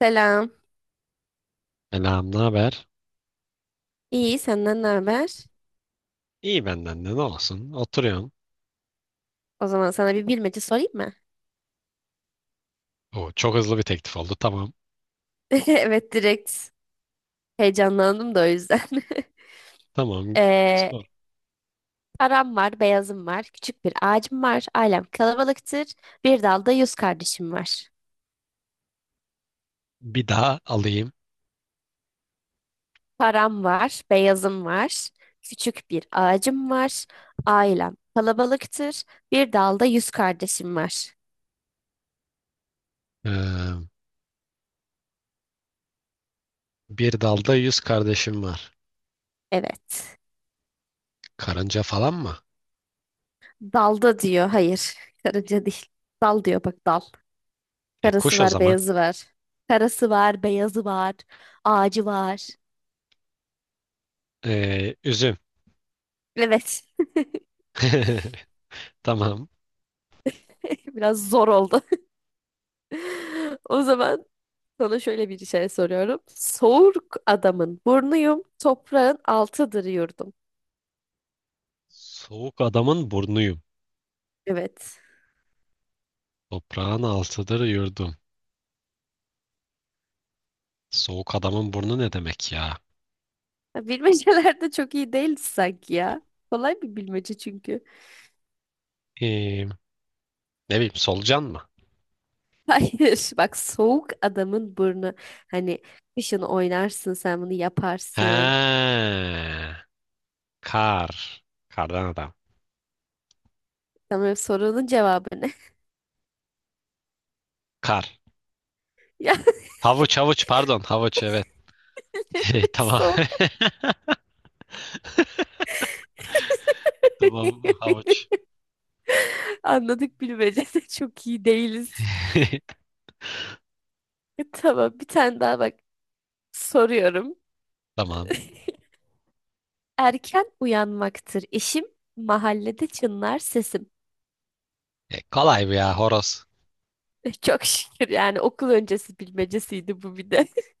Selam. Selam, ne haber? İyi, senden ne haber? İyi benden de ne olsun? Oturuyorum. O zaman sana bir bilmece sorayım mı? Oo, çok hızlı bir teklif oldu. Tamam. Evet, direkt heyecanlandım da o yüzden. Tamam. Ee, Sor. Param var, beyazım var, küçük bir ağacım var, ailem kalabalıktır, bir dalda 100 kardeşim var. Bir daha alayım. Param var, beyazım var, küçük bir ağacım var, ailem kalabalıktır, bir dalda yüz kardeşim var. Ee, bir dalda yüz kardeşim var. Evet. Karınca falan mı? Dalda diyor, hayır, karınca değil. Dal diyor, bak dal. E Karası kuş o var, zaman. beyazı var. Karası var, beyazı var. Ağacı var. Üzüm. Evet. Tamam. Biraz zor oldu. O zaman sana şöyle bir şey soruyorum. Soğuk adamın burnuyum, toprağın altıdır yurdum. Soğuk adamın burnuyum. Evet. Toprağın altıdır yurdum. Soğuk adamın burnu ne demek ya? Ya bilmeceler de çok iyi değil sanki ya. Kolay bir bilmece çünkü. Ee, ne bileyim solucan mı? Hayır, bak soğuk adamın burnu. Hani kışın oynarsın sen bunu He, yaparsın. kar. Kardan adam. Tamam, sorunun cevabı ne? Kar. Yani Havuç havuç pardon havuç evet. Tamam. soğuk Tamam havuç. anladık, bilmece de çok iyi değiliz. Tamam, bir tane daha bak soruyorum. Tamam. Erken uyanmaktır işim, mahallede çınlar sesim. E, kolay bu ya horoz. Çok şükür, yani okul öncesi bilmecesiydi bu bir de.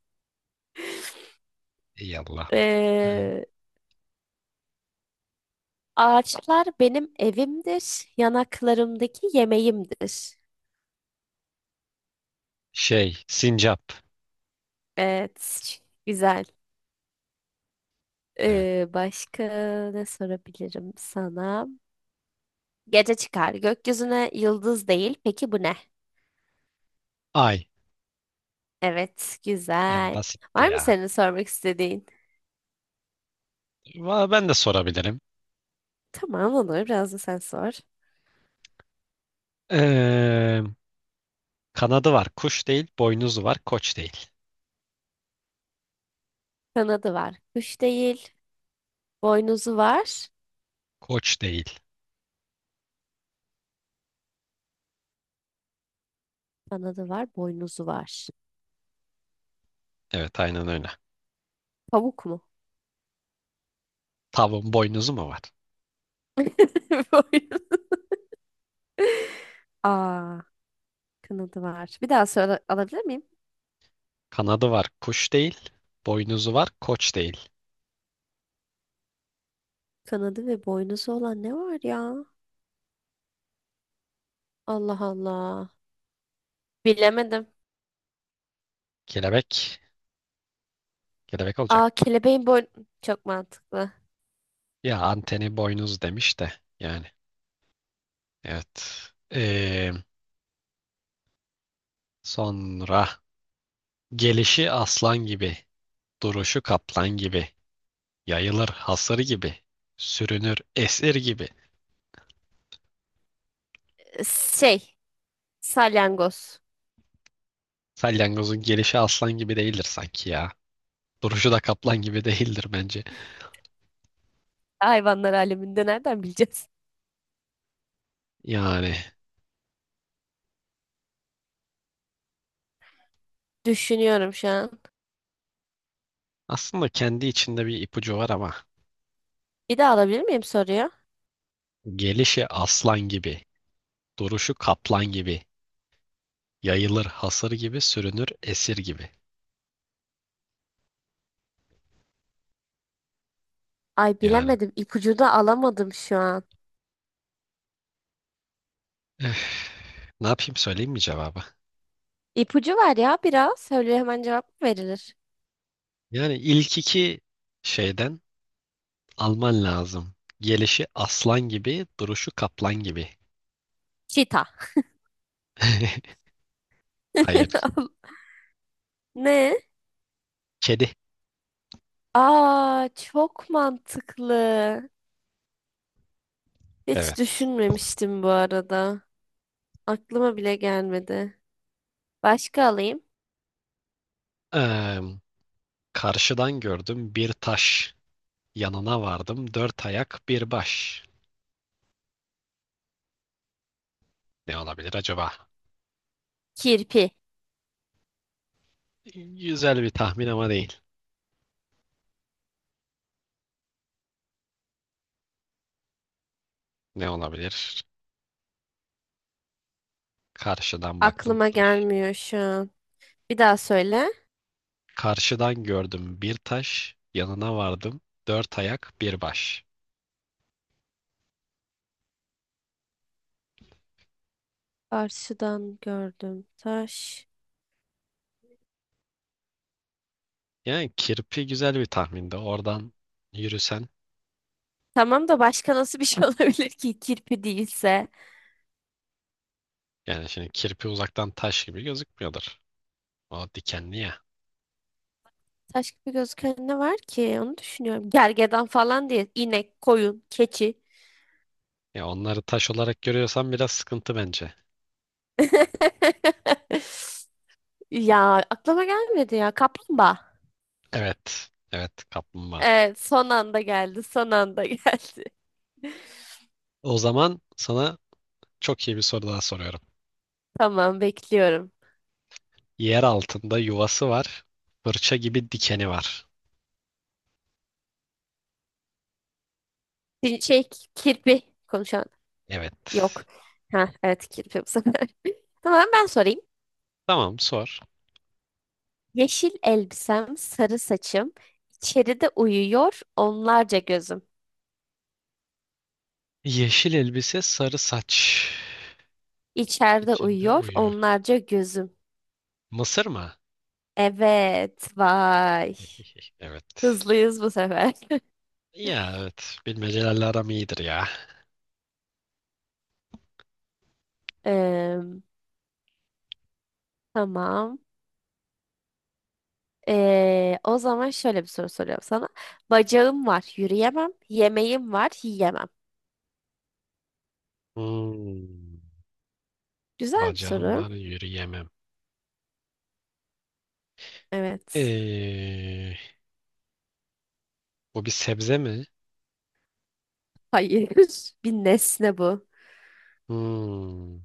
İyi Allah'ım. Ee, Ağaçlar benim evimdir, yanaklarımdaki yemeğimdir. Şey sincap. Evet, güzel. Evet. Başka ne sorabilirim sana? Gece çıkar. Gökyüzüne yıldız değil. Peki bu ne? Ay. Evet, E, güzel. basitti Var mı ya. senin sormak istediğin? Ben de sorabilirim. Tamam, olur. Biraz da sen sor. Ee, kanadı var kuş değil. Boynuzu var koç değil. Kanadı var. Kuş değil. Boynuzu var. Koç değil. Kanadı var. Boynuzu var. Evet aynen öyle. Pamuk mu? Tavuğun boynuzu mu var? Boynuz. Aa, kanadı var. Bir daha söyle, alabilir miyim? Kanadı var kuş değil. Boynuzu var koç değil. Kanadı ve boynuzu olan ne var ya? Allah Allah. Bilemedim. Kelebek. Kelebek olacak. Aa, kelebeğin boynu... Çok mantıklı. Ya anteni boynuz demiş de yani evet. Ee, sonra gelişi aslan gibi, duruşu kaplan gibi, yayılır hasır gibi, sürünür esir gibi. Şey, salyangoz. Salyangozun gelişi aslan gibi değildir sanki ya. Duruşu da kaplan gibi değildir bence. Hayvanlar aleminde nereden bileceğiz? Yani Düşünüyorum şu an. aslında kendi içinde bir ipucu var ama Bir daha alabilir miyim soruyu? gelişi aslan gibi, duruşu kaplan gibi, yayılır hasır gibi, sürünür esir gibi. Ay Yani bilemedim. İpucu da alamadım şu an. ne yapayım söyleyeyim mi cevabı? İpucu var ya biraz. Söyle, hemen cevap mı verilir? Yani ilk iki şeyden alman lazım. Gelişi aslan gibi, duruşu kaplan gibi. Çita. Hayır, Ne? kedi. Aa, çok mantıklı. Hiç Evet. düşünmemiştim bu arada. Aklıma bile gelmedi. Başka alayım. Eee, karşıdan gördüm bir taş. Yanına vardım dört ayak bir baş. Ne olabilir acaba? Kirpi. Güzel bir tahmin ama değil. Ne olabilir? Karşıdan baktım Aklıma taş. gelmiyor şu an. Bir daha söyle. Karşıdan gördüm bir taş. Yanına vardım dört ayak bir baş. Karşıdan gördüm taş. Yani kirpi güzel bir tahminde. Oradan yürüsen. Tamam da başka nasıl bir şey olabilir ki kirpi değilse? Yani şimdi kirpi uzaktan taş gibi gözükmüyordur. O dikenli ya. Taş gibi gözüken ne var ki? Onu düşünüyorum. Gergedan falan diye. İnek, koyun, keçi. Ya onları taş olarak görüyorsan biraz sıkıntı bence. Ya aklıma gelmedi ya. Kaplumbağa. Evet. Evet kaplumbağa. Evet, son anda geldi. Son anda geldi. O zaman sana çok iyi bir soru daha soruyorum. Tamam, bekliyorum. Yer altında yuvası var. Fırça gibi dikeni var. Bir şey, kirpi konuşan Evet. yok. Ha, evet, kirpi bu sefer. Tamam, ben sorayım. Tamam sor. Yeşil elbisem, sarı saçım, içeride uyuyor onlarca gözüm. Yeşil elbise sarı saç. İçeride İçinde uyuyor uyuyor. onlarca gözüm. Mısır mı? Evet, vay. Evet. Hızlıyız bu sefer. Ya evet. Bilmecelerle aram iyidir ya. Eee, tamam. O zaman şöyle bir soru soruyorum sana. Bacağım var, yürüyemem. Yemeğim var, yiyemem. Hmm. Güzel bir Bacağım var soru. yürüyemem. Evet. Ee, bu bir sebze mi? Hayır. Bir nesne bu. Hmm,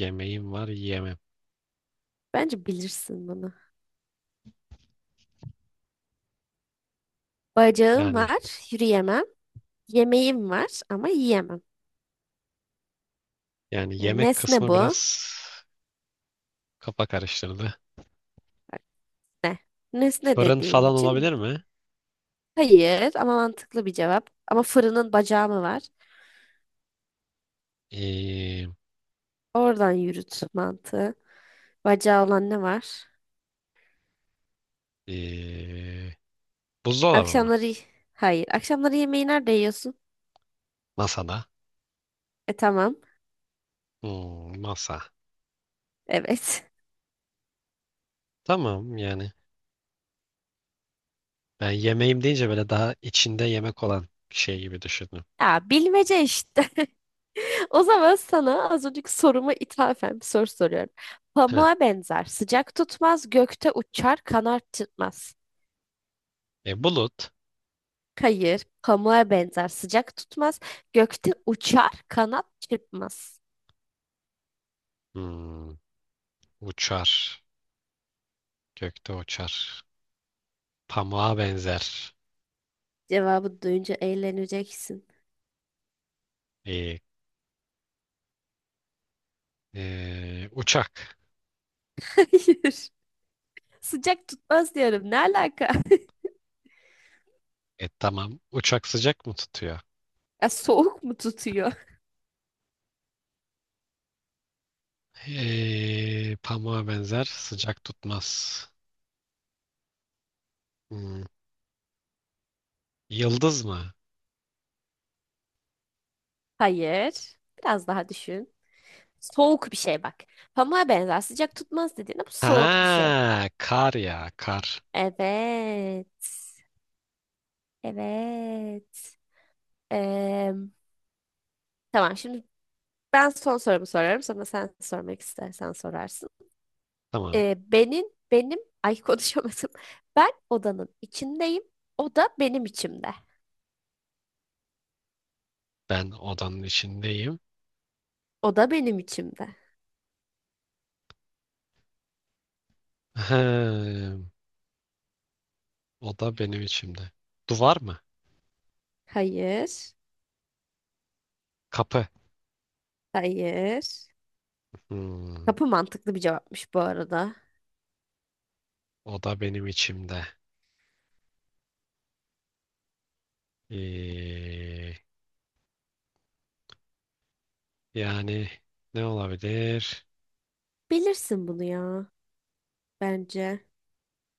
yemeğim var yemem. Bence bilirsin bunu. Bacağım Yani var, yürüyemem. Yemeğim var ama yiyemem. yani Ya, yemek nesne kısmı bu. biraz kafa karıştırdı. Ne? Nesne Fırın dediğim falan için olabilir mi? hayır, ama mantıklı bir cevap. Ama fırının bacağı mı var? Ee, Oradan yürüt mantığı. Bacağı olan ne var? ee, buzdolabı mı? Akşamları hayır. Akşamları yemeği nerede yiyorsun? Masada. E, tamam. Hmm, masa. Evet. Tamam yani. Ben yemeğim deyince böyle daha içinde yemek olan şey gibi düşündüm. Ya, bilmece işte. O zaman sana az önceki soruma ithafen bir soru soruyorum. Heh. Pamuğa benzer, sıcak tutmaz, gökte uçar, kanat çırpmaz. E, bulut. Hayır, pamuğa benzer, sıcak tutmaz, gökte uçar, kanat çırpmaz. Hmm, uçar. Gökte uçar. Pamuğa benzer. Cevabı duyunca eğleneceksin. Ee, uçak. Hayır, sıcak tutmaz diyorum. Ne alaka? E tamam. Uçak sıcak mı tutuyor? Ya soğuk mu tutuyor? Pamuğa benzer sıcak tutmaz. Hmm, yıldız mı? Hayır, biraz daha düşün. Soğuk bir şey bak. Pamuğa benzer, sıcak tutmaz dediğinde bu soğuk bir şey. Ha, kar ya kar. Evet, evet. Em, tamam, şimdi ben son sorumu sorarım. Sonra sen sormak istersen sorarsın. Tamam. Ee, benim benim ay konuşamadım. Ben odanın içindeyim. O da benim içimde. Ben odanın içindeyim. O da benim içimde. Ha, oda benim içimde. Duvar mı? Hayır. Kapı. Hayır. Hmm, Kapı mantıklı bir cevapmış bu arada. oda benim içimde. Eee, yani ne olabilir? Bilirsin bunu ya. Bence.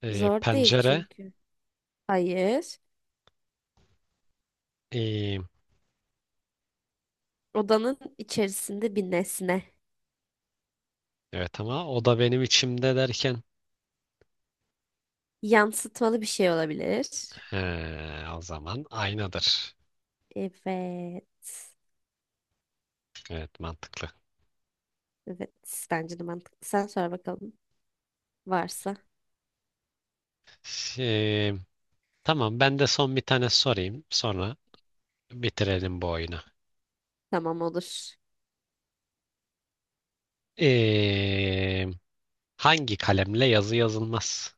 Zor değil Pencere. çünkü. Hayır. Eee, Odanın içerisinde bir nesne. evet ama oda benim içimde derken. Yansıtmalı bir şey olabilir. He, o zaman aynadır. Evet. Evet mantıklı. Evet. Bence de mantıklı. Sen sor bakalım. Varsa. Şey, tamam ben de son bir tane sorayım. Sonra bitirelim bu oyunu. Tamam, olur. Ee, hangi kalemle yazı yazılmaz?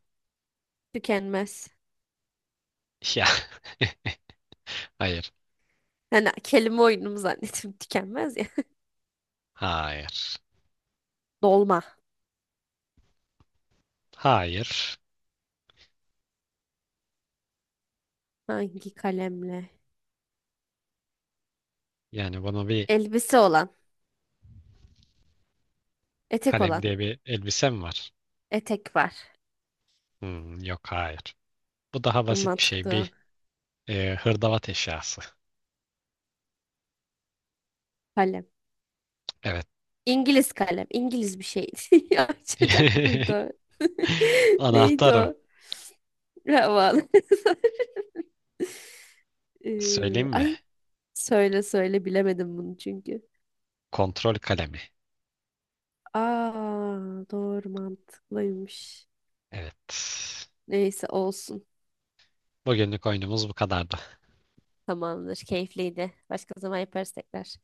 Tükenmez. Ya hayır. Hani kelime oyunumu zannettim tükenmez ya. Hayır. Dolma. Hayır. Hangi kalemle? Yani bunu bir Elbise olan. Etek kalem olan. diye bir elbisem var. Etek var. Hmm, yok hayır. Bu daha basit bir Mantıklı şey. olan. Hırdavat eşyası. Kalem. Evet. İngiliz kalem. İngiliz bir şeydi. Ya, açacak mıydı o? Neydi Anahtar o. o? Havalı. Söyleyeyim mi? ay, söyle söyle, bilemedim bunu çünkü. Kontrol kalemi. Aa, doğru, mantıklıymış. Evet. Neyse, olsun. Bugünlük oyunumuz bu kadardı. Tamamdır. Keyifliydi. Başka zaman yaparız tekrar.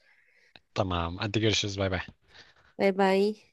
Tamam. Hadi görüşürüz. Bay bay. Bay bay.